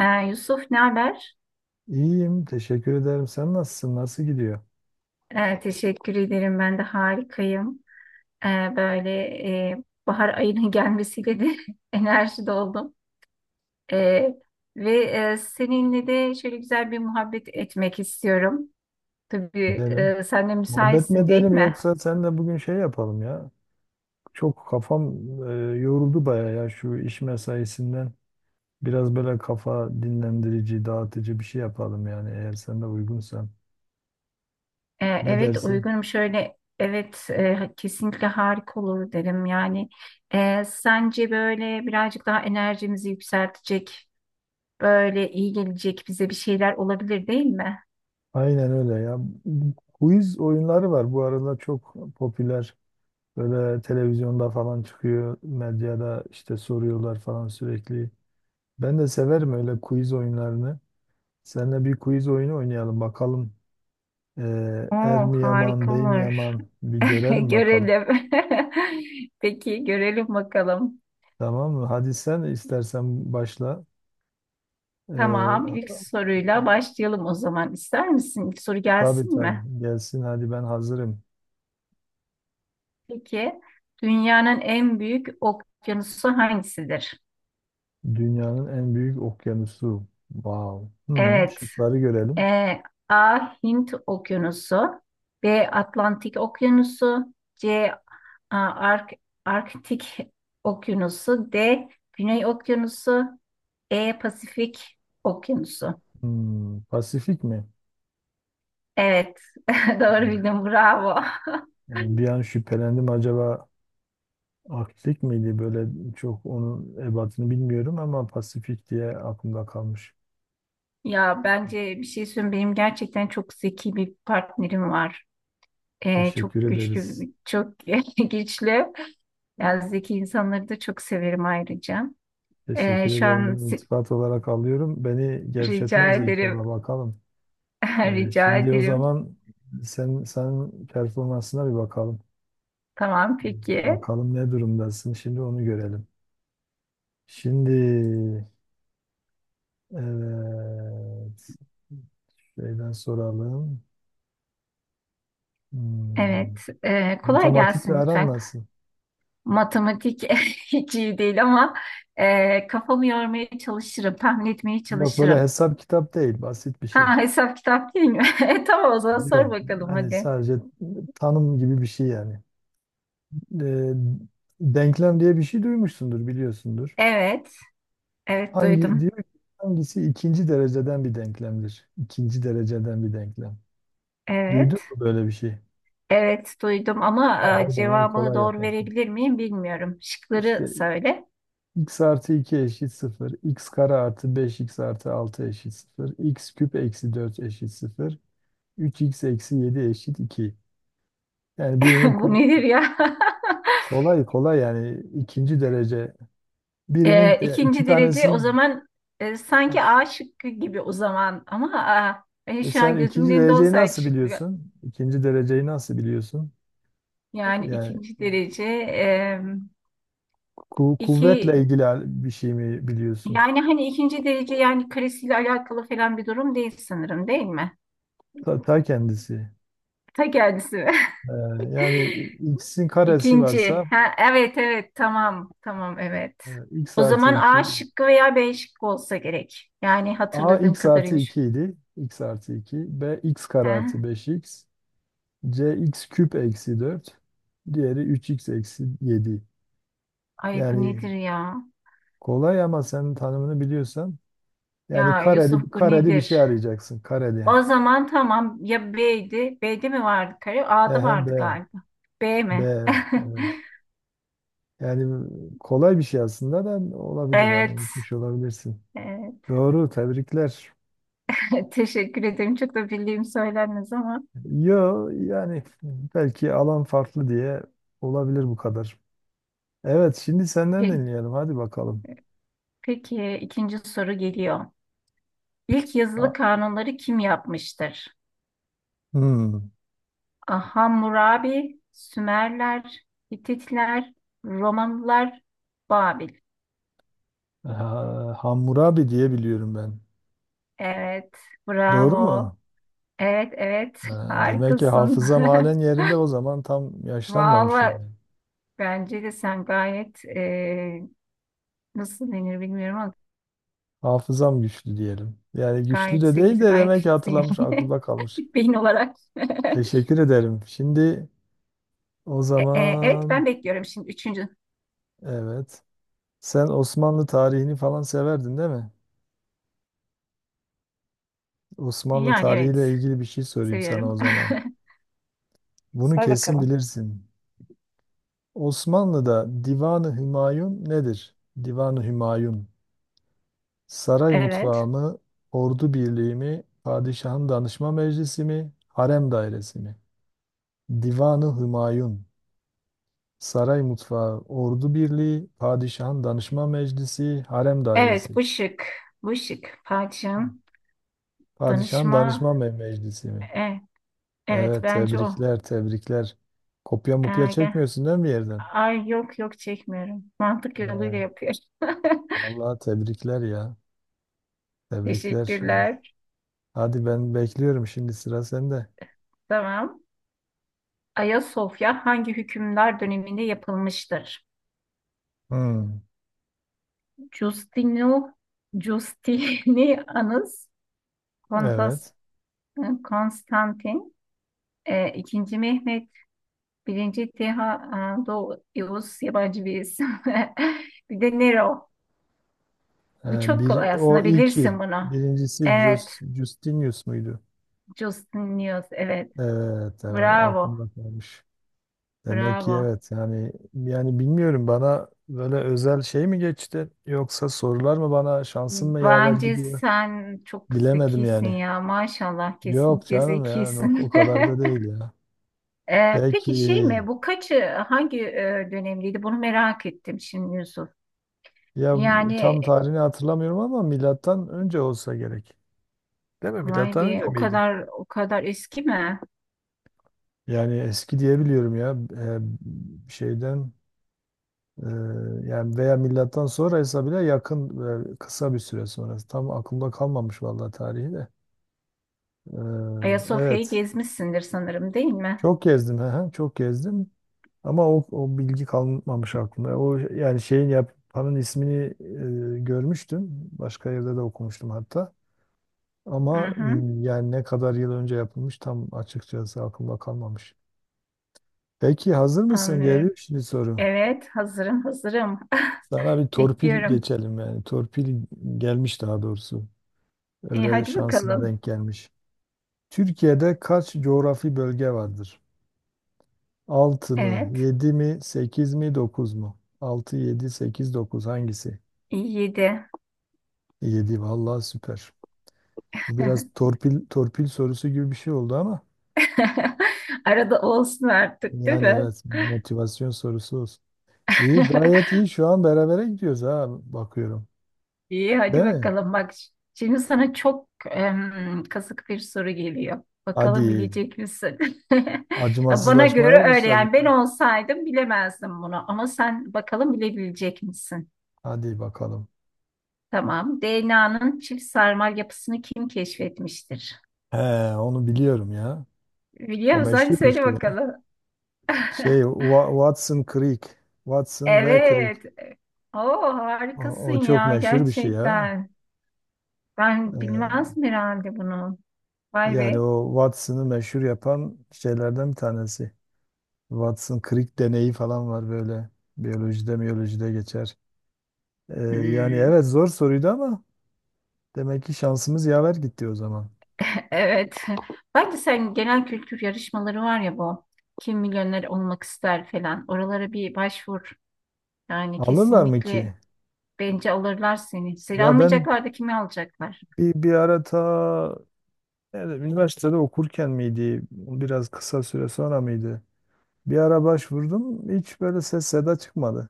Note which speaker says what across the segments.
Speaker 1: Ee, Yusuf ne haber?
Speaker 2: İyiyim, teşekkür ederim. Sen nasılsın? Nasıl gidiyor?
Speaker 1: Teşekkür ederim ben de harikayım. Ee, böyle Bahar ayının gelmesiyle de enerji doldum. Ee, Seninle de şöyle güzel bir muhabbet etmek istiyorum. Tabii
Speaker 2: Gidelim.
Speaker 1: sen de
Speaker 2: Muhabbet mi
Speaker 1: müsaitsin değil
Speaker 2: edelim
Speaker 1: mi?
Speaker 2: yoksa sen de bugün şey yapalım ya. Çok kafam yoruldu baya ya şu iş mesaisinden. Biraz böyle kafa dinlendirici, dağıtıcı bir şey yapalım yani eğer sen de uygunsan. Ne
Speaker 1: Evet
Speaker 2: dersin?
Speaker 1: uygunum, şöyle evet kesinlikle harika olur derim yani. Sence böyle birazcık daha enerjimizi yükseltecek, böyle iyi gelecek bize bir şeyler olabilir değil mi?
Speaker 2: Aynen öyle ya. Bu quiz oyunları var bu arada çok popüler. Böyle televizyonda falan çıkıyor, medyada işte soruyorlar falan sürekli. Ben de severim öyle quiz oyunlarını. Seninle bir quiz oyunu oynayalım bakalım. Er
Speaker 1: Oo,
Speaker 2: mi yaman,
Speaker 1: harika
Speaker 2: bey mi
Speaker 1: olur.
Speaker 2: yaman bir görelim bakalım.
Speaker 1: Görelim. Peki görelim bakalım.
Speaker 2: Tamam mı? Hadi sen istersen başla.
Speaker 1: Tamam,
Speaker 2: Ee,
Speaker 1: ilk soruyla başlayalım o zaman. İster misin? İlk soru
Speaker 2: tabii
Speaker 1: gelsin mi?
Speaker 2: tabii gelsin hadi ben hazırım.
Speaker 1: Peki, dünyanın en büyük okyanusu hangisidir?
Speaker 2: Dünyanın en büyük okyanusu. Wow.
Speaker 1: Evet,
Speaker 2: Şıkları görelim.
Speaker 1: e, A. Hint Okyanusu, B. Atlantik Okyanusu, C. A, Ark- Arktik Okyanusu, D. Güney Okyanusu, E. Pasifik Okyanusu.
Speaker 2: Pasifik mi?
Speaker 1: Evet, doğru bildim, bravo.
Speaker 2: Yani bir an şüphelendim, acaba Arktik miydi, böyle çok onun ebatını bilmiyorum ama Pasifik diye aklımda kalmış.
Speaker 1: Ya bence bir şey söyleyeyim, benim gerçekten çok zeki bir partnerim var.
Speaker 2: Teşekkür
Speaker 1: Çok güçlü,
Speaker 2: ederiz.
Speaker 1: çok güçlü. Yani zeki insanları da çok severim ayrıca. Ee,
Speaker 2: Teşekkür
Speaker 1: şu
Speaker 2: ederim.
Speaker 1: an
Speaker 2: Bunu
Speaker 1: si-
Speaker 2: iltifat olarak alıyorum. Beni
Speaker 1: Rica
Speaker 2: gevşetmez
Speaker 1: ederim,
Speaker 2: inşallah bakalım.
Speaker 1: rica
Speaker 2: Şimdi o
Speaker 1: ederim.
Speaker 2: zaman sen performansına bir bakalım.
Speaker 1: Tamam, peki.
Speaker 2: Bakalım ne durumdasın. Şimdi onu görelim. Şimdi evet şeyden soralım. Hmm,
Speaker 1: Evet, kolay
Speaker 2: Matematikle
Speaker 1: gelsin
Speaker 2: aran
Speaker 1: lütfen.
Speaker 2: nasıl?
Speaker 1: Matematik hiç iyi değil ama kafamı yormaya çalışırım, tahmin etmeye
Speaker 2: Yok böyle
Speaker 1: çalışırım.
Speaker 2: hesap kitap değil. Basit bir şey.
Speaker 1: Ha, hesap kitap değil mi? E, tamam o zaman sor
Speaker 2: Yok.
Speaker 1: bakalım
Speaker 2: Hani
Speaker 1: hadi.
Speaker 2: sadece tanım gibi bir şey yani. Ee, Denklem diye bir şey duymuşsundur, biliyorsundur.
Speaker 1: Evet. Evet
Speaker 2: Hangi
Speaker 1: duydum.
Speaker 2: diyor ki, hangisi ikinci dereceden bir denklemdir? İkinci dereceden bir denklem. Duydun
Speaker 1: Evet.
Speaker 2: mu böyle bir şey?
Speaker 1: Evet duydum ama
Speaker 2: Ha, o zaman
Speaker 1: cevabı
Speaker 2: kolay
Speaker 1: doğru
Speaker 2: yaparsın.
Speaker 1: verebilir miyim bilmiyorum. Şıkları
Speaker 2: İşte
Speaker 1: söyle.
Speaker 2: x artı 2 eşit 0, x kare artı 5x artı 6 eşit 0, x küp eksi 4 eşit 0, 3x eksi 7 eşit 2. Yani birinin
Speaker 1: Bu nedir ya?
Speaker 2: kolay kolay yani ikinci derece. Birinin
Speaker 1: E,
Speaker 2: iki
Speaker 1: ikinci derece o
Speaker 2: tanesinin.
Speaker 1: zaman,
Speaker 2: Heh,
Speaker 1: sanki A şıkkı gibi o zaman, ama A, şu
Speaker 2: Sen
Speaker 1: an gözümün
Speaker 2: ikinci
Speaker 1: önünde
Speaker 2: dereceyi
Speaker 1: olsaydı
Speaker 2: nasıl
Speaker 1: şıklı.
Speaker 2: biliyorsun? İkinci dereceyi nasıl biliyorsun?
Speaker 1: Yani
Speaker 2: Yani
Speaker 1: ikinci derece e, iki
Speaker 2: Kuvvetle ilgili bir şey mi biliyorsun?
Speaker 1: yani hani ikinci derece, yani karesiyle alakalı falan bir durum değil sanırım, değil mi?
Speaker 2: Ta kendisi.
Speaker 1: Ta kendisi.
Speaker 2: Ee, Yani x'in karesi
Speaker 1: İkinci.
Speaker 2: varsa
Speaker 1: Ha, evet evet, tamam tamam, evet.
Speaker 2: x
Speaker 1: O
Speaker 2: artı
Speaker 1: zaman A
Speaker 2: 2
Speaker 1: şıkkı veya B şıkkı olsa gerek. Yani
Speaker 2: a,
Speaker 1: hatırladığım
Speaker 2: x artı
Speaker 1: kadarıyla.
Speaker 2: 2 idi. X artı 2 b, x kare
Speaker 1: He?
Speaker 2: artı 5x c, x küp eksi 4, diğeri 3x eksi 7.
Speaker 1: Ay bu
Speaker 2: Yani
Speaker 1: nedir ya?
Speaker 2: kolay ama senin tanımını biliyorsan yani
Speaker 1: Ya Yusuf,
Speaker 2: kareli,
Speaker 1: bu
Speaker 2: kareli bir
Speaker 1: nedir?
Speaker 2: şey arayacaksın. Kareli.
Speaker 1: O zaman tamam ya, B'ydi. B'de mi vardı kare? A'da
Speaker 2: Ehe, b
Speaker 1: vardı galiba. B
Speaker 2: b
Speaker 1: mi?
Speaker 2: e, Yani kolay bir şey aslında da olabilir hani
Speaker 1: Evet.
Speaker 2: unutmuş olabilirsin.
Speaker 1: Evet.
Speaker 2: Doğru, tebrikler.
Speaker 1: Teşekkür ederim. Çok da bildiğim söylenmez ama.
Speaker 2: Yo yani belki alan farklı diye olabilir bu kadar. Evet şimdi senden
Speaker 1: Peki,
Speaker 2: dinleyelim hadi bakalım.
Speaker 1: peki ikinci soru geliyor. İlk
Speaker 2: Ha,
Speaker 1: yazılı kanunları kim yapmıştır?
Speaker 2: hmm.
Speaker 1: Ah, Hammurabi, Sümerler, Hititler, Romalılar, Babil.
Speaker 2: Ha, Hammurabi diye biliyorum ben.
Speaker 1: Evet,
Speaker 2: Doğru
Speaker 1: bravo.
Speaker 2: mu?
Speaker 1: Evet, evet,
Speaker 2: Ha, demek ki
Speaker 1: harikasın.
Speaker 2: hafızam halen yerinde o zaman tam yaşlanmamışım
Speaker 1: Vallahi
Speaker 2: ben.
Speaker 1: bence de sen gayet nasıl denir bilmiyorum ama
Speaker 2: Hafızam güçlü diyelim. Yani güçlü
Speaker 1: gayet
Speaker 2: de değil
Speaker 1: zekisi,
Speaker 2: de
Speaker 1: gayet
Speaker 2: demek ki
Speaker 1: fitsin
Speaker 2: hatırlamış
Speaker 1: yani
Speaker 2: aklımda kalmış.
Speaker 1: beyin olarak.
Speaker 2: Teşekkür ederim. Şimdi o
Speaker 1: Evet,
Speaker 2: zaman
Speaker 1: ben bekliyorum şimdi üçüncü.
Speaker 2: evet. Sen Osmanlı tarihini falan severdin değil mi? Osmanlı
Speaker 1: Yani evet,
Speaker 2: tarihiyle ilgili bir şey sorayım sana o
Speaker 1: seviyorum.
Speaker 2: zaman. Bunu
Speaker 1: Sor
Speaker 2: kesin
Speaker 1: bakalım.
Speaker 2: bilirsin. Osmanlı'da Divan-ı Hümayun nedir? Divan-ı Hümayun. Saray mutfağı
Speaker 1: Evet.
Speaker 2: mı? Ordu birliği mi? Padişahın danışma meclisi mi? Harem dairesi mi? Divan-ı Hümayun. Saray mutfağı, ordu birliği, padişahın danışma meclisi, harem
Speaker 1: Evet
Speaker 2: dairesi.
Speaker 1: bu şık. Bu şık. Padişahın
Speaker 2: Padişahın
Speaker 1: danışma.
Speaker 2: Danışman Bey Meclisi mi?
Speaker 1: E, evet
Speaker 2: Evet,
Speaker 1: bence o.
Speaker 2: tebrikler, tebrikler. Kopya mupya
Speaker 1: Ergen.
Speaker 2: çekmiyorsun değil mi bir yerden?
Speaker 1: Ay, yok yok, çekmiyorum. Mantık yoluyla
Speaker 2: Ee,
Speaker 1: yapıyorum.
Speaker 2: Vallahi tebrikler ya. Tebrikler. Evet.
Speaker 1: Teşekkürler.
Speaker 2: Hadi ben bekliyorum şimdi sıra sende.
Speaker 1: Tamam. Ayasofya hangi hükümdar döneminde yapılmıştır?
Speaker 2: Hmm,
Speaker 1: Justino, Justinianus, Kontas,
Speaker 2: evet.
Speaker 1: Konstantin, E, ikinci Mehmet, birinci Teha, Doğu Yavuz yabancı bir isim. Bir de Nero. Bu çok
Speaker 2: Bir,
Speaker 1: kolay
Speaker 2: o
Speaker 1: aslında, bilirsin
Speaker 2: ilki.
Speaker 1: bunu.
Speaker 2: Birincisi
Speaker 1: Evet,
Speaker 2: Justinius muydu?
Speaker 1: Justin News, evet.
Speaker 2: Evet, evet
Speaker 1: Bravo,
Speaker 2: aklımda kalmış. Demek ki
Speaker 1: bravo.
Speaker 2: evet yani bilmiyorum bana böyle özel şey mi geçti yoksa sorular mı bana şansım mı yaver
Speaker 1: Bence
Speaker 2: gidiyor
Speaker 1: sen çok
Speaker 2: bilemedim
Speaker 1: zekisin
Speaker 2: yani.
Speaker 1: ya, maşallah,
Speaker 2: Yok
Speaker 1: kesinlikle
Speaker 2: canım yani o
Speaker 1: zekisin.
Speaker 2: kadar da değil ya.
Speaker 1: E,
Speaker 2: Belki
Speaker 1: peki şey mi bu kaçı hangi dönemdeydi, bunu merak ettim şimdi Yusuf.
Speaker 2: ya
Speaker 1: Yani
Speaker 2: tam tarihini hatırlamıyorum ama milattan önce olsa gerek. Değil mi?
Speaker 1: vay
Speaker 2: Milattan
Speaker 1: be,
Speaker 2: önce
Speaker 1: o
Speaker 2: miydi?
Speaker 1: kadar o kadar eski mi?
Speaker 2: Yani eski diyebiliyorum ya. Şeyden e, yani veya milattan sonraysa bile yakın, kısa bir süre sonrası. Tam aklımda kalmamış vallahi tarihi de. E,
Speaker 1: Ayasofya'yı
Speaker 2: evet.
Speaker 1: gezmişsindir sanırım değil mi?
Speaker 2: Çok gezdim ha, çok gezdim. Ama o bilgi kalmamış aklımda. O yani şeyin yapanın ismini görmüştüm. Başka yerde de okumuştum hatta.
Speaker 1: Hı
Speaker 2: Ama
Speaker 1: hı,
Speaker 2: yani ne kadar yıl önce yapılmış tam açıkçası aklımda kalmamış. Peki hazır mısın? Geliyor
Speaker 1: anlıyorum.
Speaker 2: şimdi soru.
Speaker 1: Evet, hazırım, hazırım.
Speaker 2: Sana bir torpil
Speaker 1: Bekliyorum.
Speaker 2: geçelim yani. Torpil gelmiş daha doğrusu.
Speaker 1: E,
Speaker 2: Öyle
Speaker 1: hadi
Speaker 2: şansına
Speaker 1: bakalım.
Speaker 2: denk gelmiş. Türkiye'de kaç coğrafi bölge vardır? 6 mı,
Speaker 1: Evet,
Speaker 2: yedi mi, sekiz mi, dokuz mu? 6, 7, 8, 9 hangisi?
Speaker 1: iyi, yedi.
Speaker 2: Yedi, vallahi süper. Bu biraz torpil torpil sorusu gibi bir şey oldu ama
Speaker 1: Arada olsun artık, değil
Speaker 2: yani
Speaker 1: mi?
Speaker 2: evet, motivasyon sorusu olsun. İyi, gayet iyi, şu an berabere gidiyoruz ha, bakıyorum.
Speaker 1: İyi,
Speaker 2: Değil
Speaker 1: hadi
Speaker 2: mi?
Speaker 1: bakalım. Bak, şimdi sana çok kazık bir soru geliyor.
Speaker 2: Hadi
Speaker 1: Bakalım bilecek misin? Bana göre
Speaker 2: acımasızlaşmaya
Speaker 1: öyle
Speaker 2: başladın.
Speaker 1: yani,
Speaker 2: Ha.
Speaker 1: ben olsaydım bilemezdim bunu, ama sen bakalım bilebilecek misin?
Speaker 2: Hadi bakalım.
Speaker 1: Tamam. DNA'nın çift sarmal yapısını kim keşfetmiştir?
Speaker 2: He, onu biliyorum ya.
Speaker 1: Biliyor
Speaker 2: O
Speaker 1: musun? Hadi
Speaker 2: meşhur bir
Speaker 1: söyle
Speaker 2: şey ya.
Speaker 1: bakalım.
Speaker 2: Watson Creek. Watson ve Creek.
Speaker 1: Evet. Oo,
Speaker 2: O,
Speaker 1: harikasın
Speaker 2: o çok
Speaker 1: ya
Speaker 2: meşhur bir şey ya.
Speaker 1: gerçekten. Ben
Speaker 2: Ee,
Speaker 1: bilmezdim herhalde bunu. Vay
Speaker 2: Yani
Speaker 1: be.
Speaker 2: o Watson'ı meşhur yapan şeylerden bir tanesi. Watson krik deneyi falan var böyle. Biyolojide miyolojide geçer. Yani
Speaker 1: Hmm.
Speaker 2: evet, zor soruydu ama demek ki şansımız yaver gitti o zaman.
Speaker 1: Evet. Bence sen, genel kültür yarışmaları var ya bu. Kim Milyoner Olmak ister falan. Oralara bir başvur. Yani
Speaker 2: Alırlar mı
Speaker 1: kesinlikle
Speaker 2: ki?
Speaker 1: bence alırlar seni. Seni
Speaker 2: Ya ben
Speaker 1: almayacaklar da kimi alacaklar?
Speaker 2: bir ara, ta nerede, üniversitede okurken miydi? Biraz kısa süre sonra mıydı? Bir ara başvurdum. Hiç böyle ses seda çıkmadı.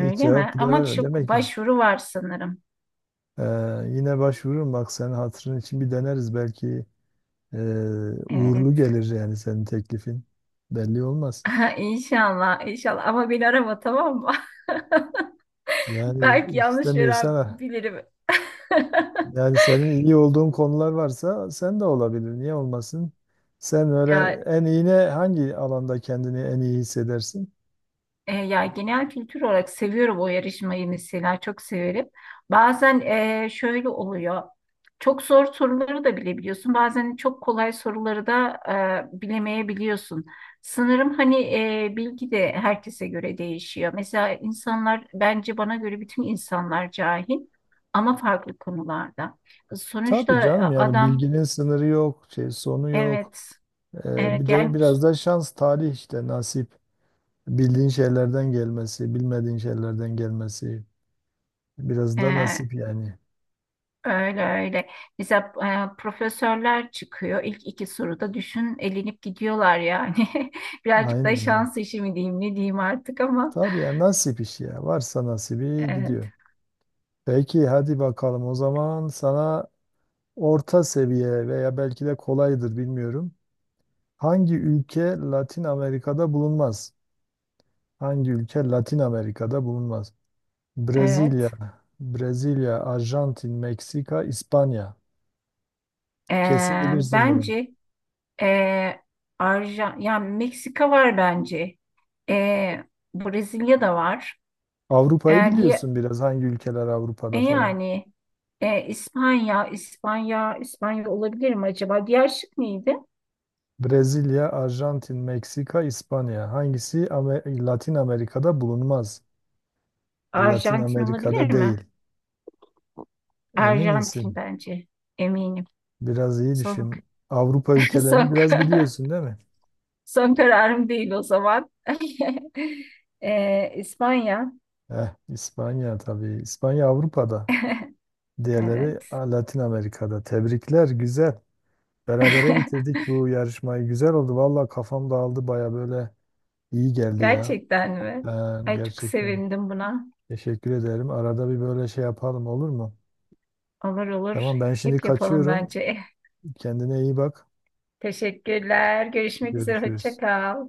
Speaker 2: Hiç cevap
Speaker 1: mi?
Speaker 2: bile
Speaker 1: Ama
Speaker 2: vermedi.
Speaker 1: çok
Speaker 2: Demek ki
Speaker 1: başvuru var sanırım.
Speaker 2: ee, yine başvururum, bak senin hatırın için bir deneriz belki. Ee, Uğurlu
Speaker 1: Evet.
Speaker 2: gelir yani senin teklifin. Belli olmaz.
Speaker 1: İnşallah, inşallah. Ama beni arama, tamam mı?
Speaker 2: Yani
Speaker 1: Belki yanlış
Speaker 2: istemiyorsan
Speaker 1: veren
Speaker 2: ah,
Speaker 1: bilirim.
Speaker 2: yani senin iyi olduğun konular varsa sen de olabilir. Niye olmasın? Sen öyle
Speaker 1: Ya
Speaker 2: en iyi ne, hangi alanda kendini en iyi hissedersin?
Speaker 1: ya, genel kültür olarak seviyorum o yarışmayı, mesela çok severim. Bazen şöyle oluyor. Çok zor soruları da bilebiliyorsun. Bazen çok kolay soruları da bilemeyebiliyorsun. Sanırım hani bilgi de herkese göre değişiyor. Mesela insanlar, bence bana göre bütün insanlar cahil, ama farklı konularda.
Speaker 2: Tabii
Speaker 1: Sonuçta
Speaker 2: canım, yani
Speaker 1: adam
Speaker 2: bilginin sınırı yok, şey sonu yok.
Speaker 1: evet
Speaker 2: Bir
Speaker 1: evet
Speaker 2: de
Speaker 1: yani
Speaker 2: biraz da şans, talih, işte nasip. Bildiğin şeylerden gelmesi, bilmediğin şeylerden gelmesi. Biraz
Speaker 1: e,
Speaker 2: da nasip yani.
Speaker 1: öyle öyle. Mesela profesörler çıkıyor. İlk iki soruda düşün elenip gidiyorlar yani. Birazcık da
Speaker 2: Aynen. Evet.
Speaker 1: şans işi mi diyeyim, ne diyeyim artık ama.
Speaker 2: Tabii ya, nasip işi ya. Varsa nasibi gidiyor.
Speaker 1: Evet.
Speaker 2: Peki hadi bakalım o zaman sana orta seviye veya belki de kolaydır bilmiyorum. Hangi ülke Latin Amerika'da bulunmaz? Hangi ülke Latin Amerika'da bulunmaz? Brezilya,
Speaker 1: Evet.
Speaker 2: Brezilya, Arjantin, Meksika, İspanya.
Speaker 1: E,
Speaker 2: Kesin bilirsin bunu.
Speaker 1: bence e, Arjan, yani Meksika var bence. E, Brezilya da var.
Speaker 2: Avrupa'yı
Speaker 1: E, diye,
Speaker 2: biliyorsun biraz, hangi ülkeler Avrupa'da falan.
Speaker 1: Yani İspanya olabilir mi acaba? Diğer şık neydi?
Speaker 2: Brezilya, Arjantin, Meksika, İspanya. Hangisi Latin Amerika'da bulunmaz? Latin
Speaker 1: Arjantin olabilir
Speaker 2: Amerika'da değil.
Speaker 1: mi?
Speaker 2: Emin
Speaker 1: Arjantin
Speaker 2: misin?
Speaker 1: bence. Eminim.
Speaker 2: Biraz iyi
Speaker 1: Son,
Speaker 2: düşün. Avrupa ülkelerini
Speaker 1: son,
Speaker 2: biraz biliyorsun değil mi?
Speaker 1: son kararım değil o zaman. İspanya.
Speaker 2: Eh, İspanya tabii. İspanya Avrupa'da. Diğerleri
Speaker 1: Evet.
Speaker 2: ah, Latin Amerika'da. Tebrikler, güzel. Berabere bitirdik bu yarışmayı. Güzel oldu. Valla kafam dağıldı baya, böyle iyi geldi ya.
Speaker 1: Gerçekten mi?
Speaker 2: Ha,
Speaker 1: Ay, çok
Speaker 2: gerçekten.
Speaker 1: sevindim buna.
Speaker 2: Teşekkür ederim. Arada bir böyle şey yapalım olur mu?
Speaker 1: Olur olur.
Speaker 2: Tamam, ben şimdi
Speaker 1: Hep yapalım
Speaker 2: kaçıyorum.
Speaker 1: bence.
Speaker 2: Kendine iyi bak.
Speaker 1: Teşekkürler. Görüşmek üzere. Hoşça
Speaker 2: Görüşürüz.
Speaker 1: kal.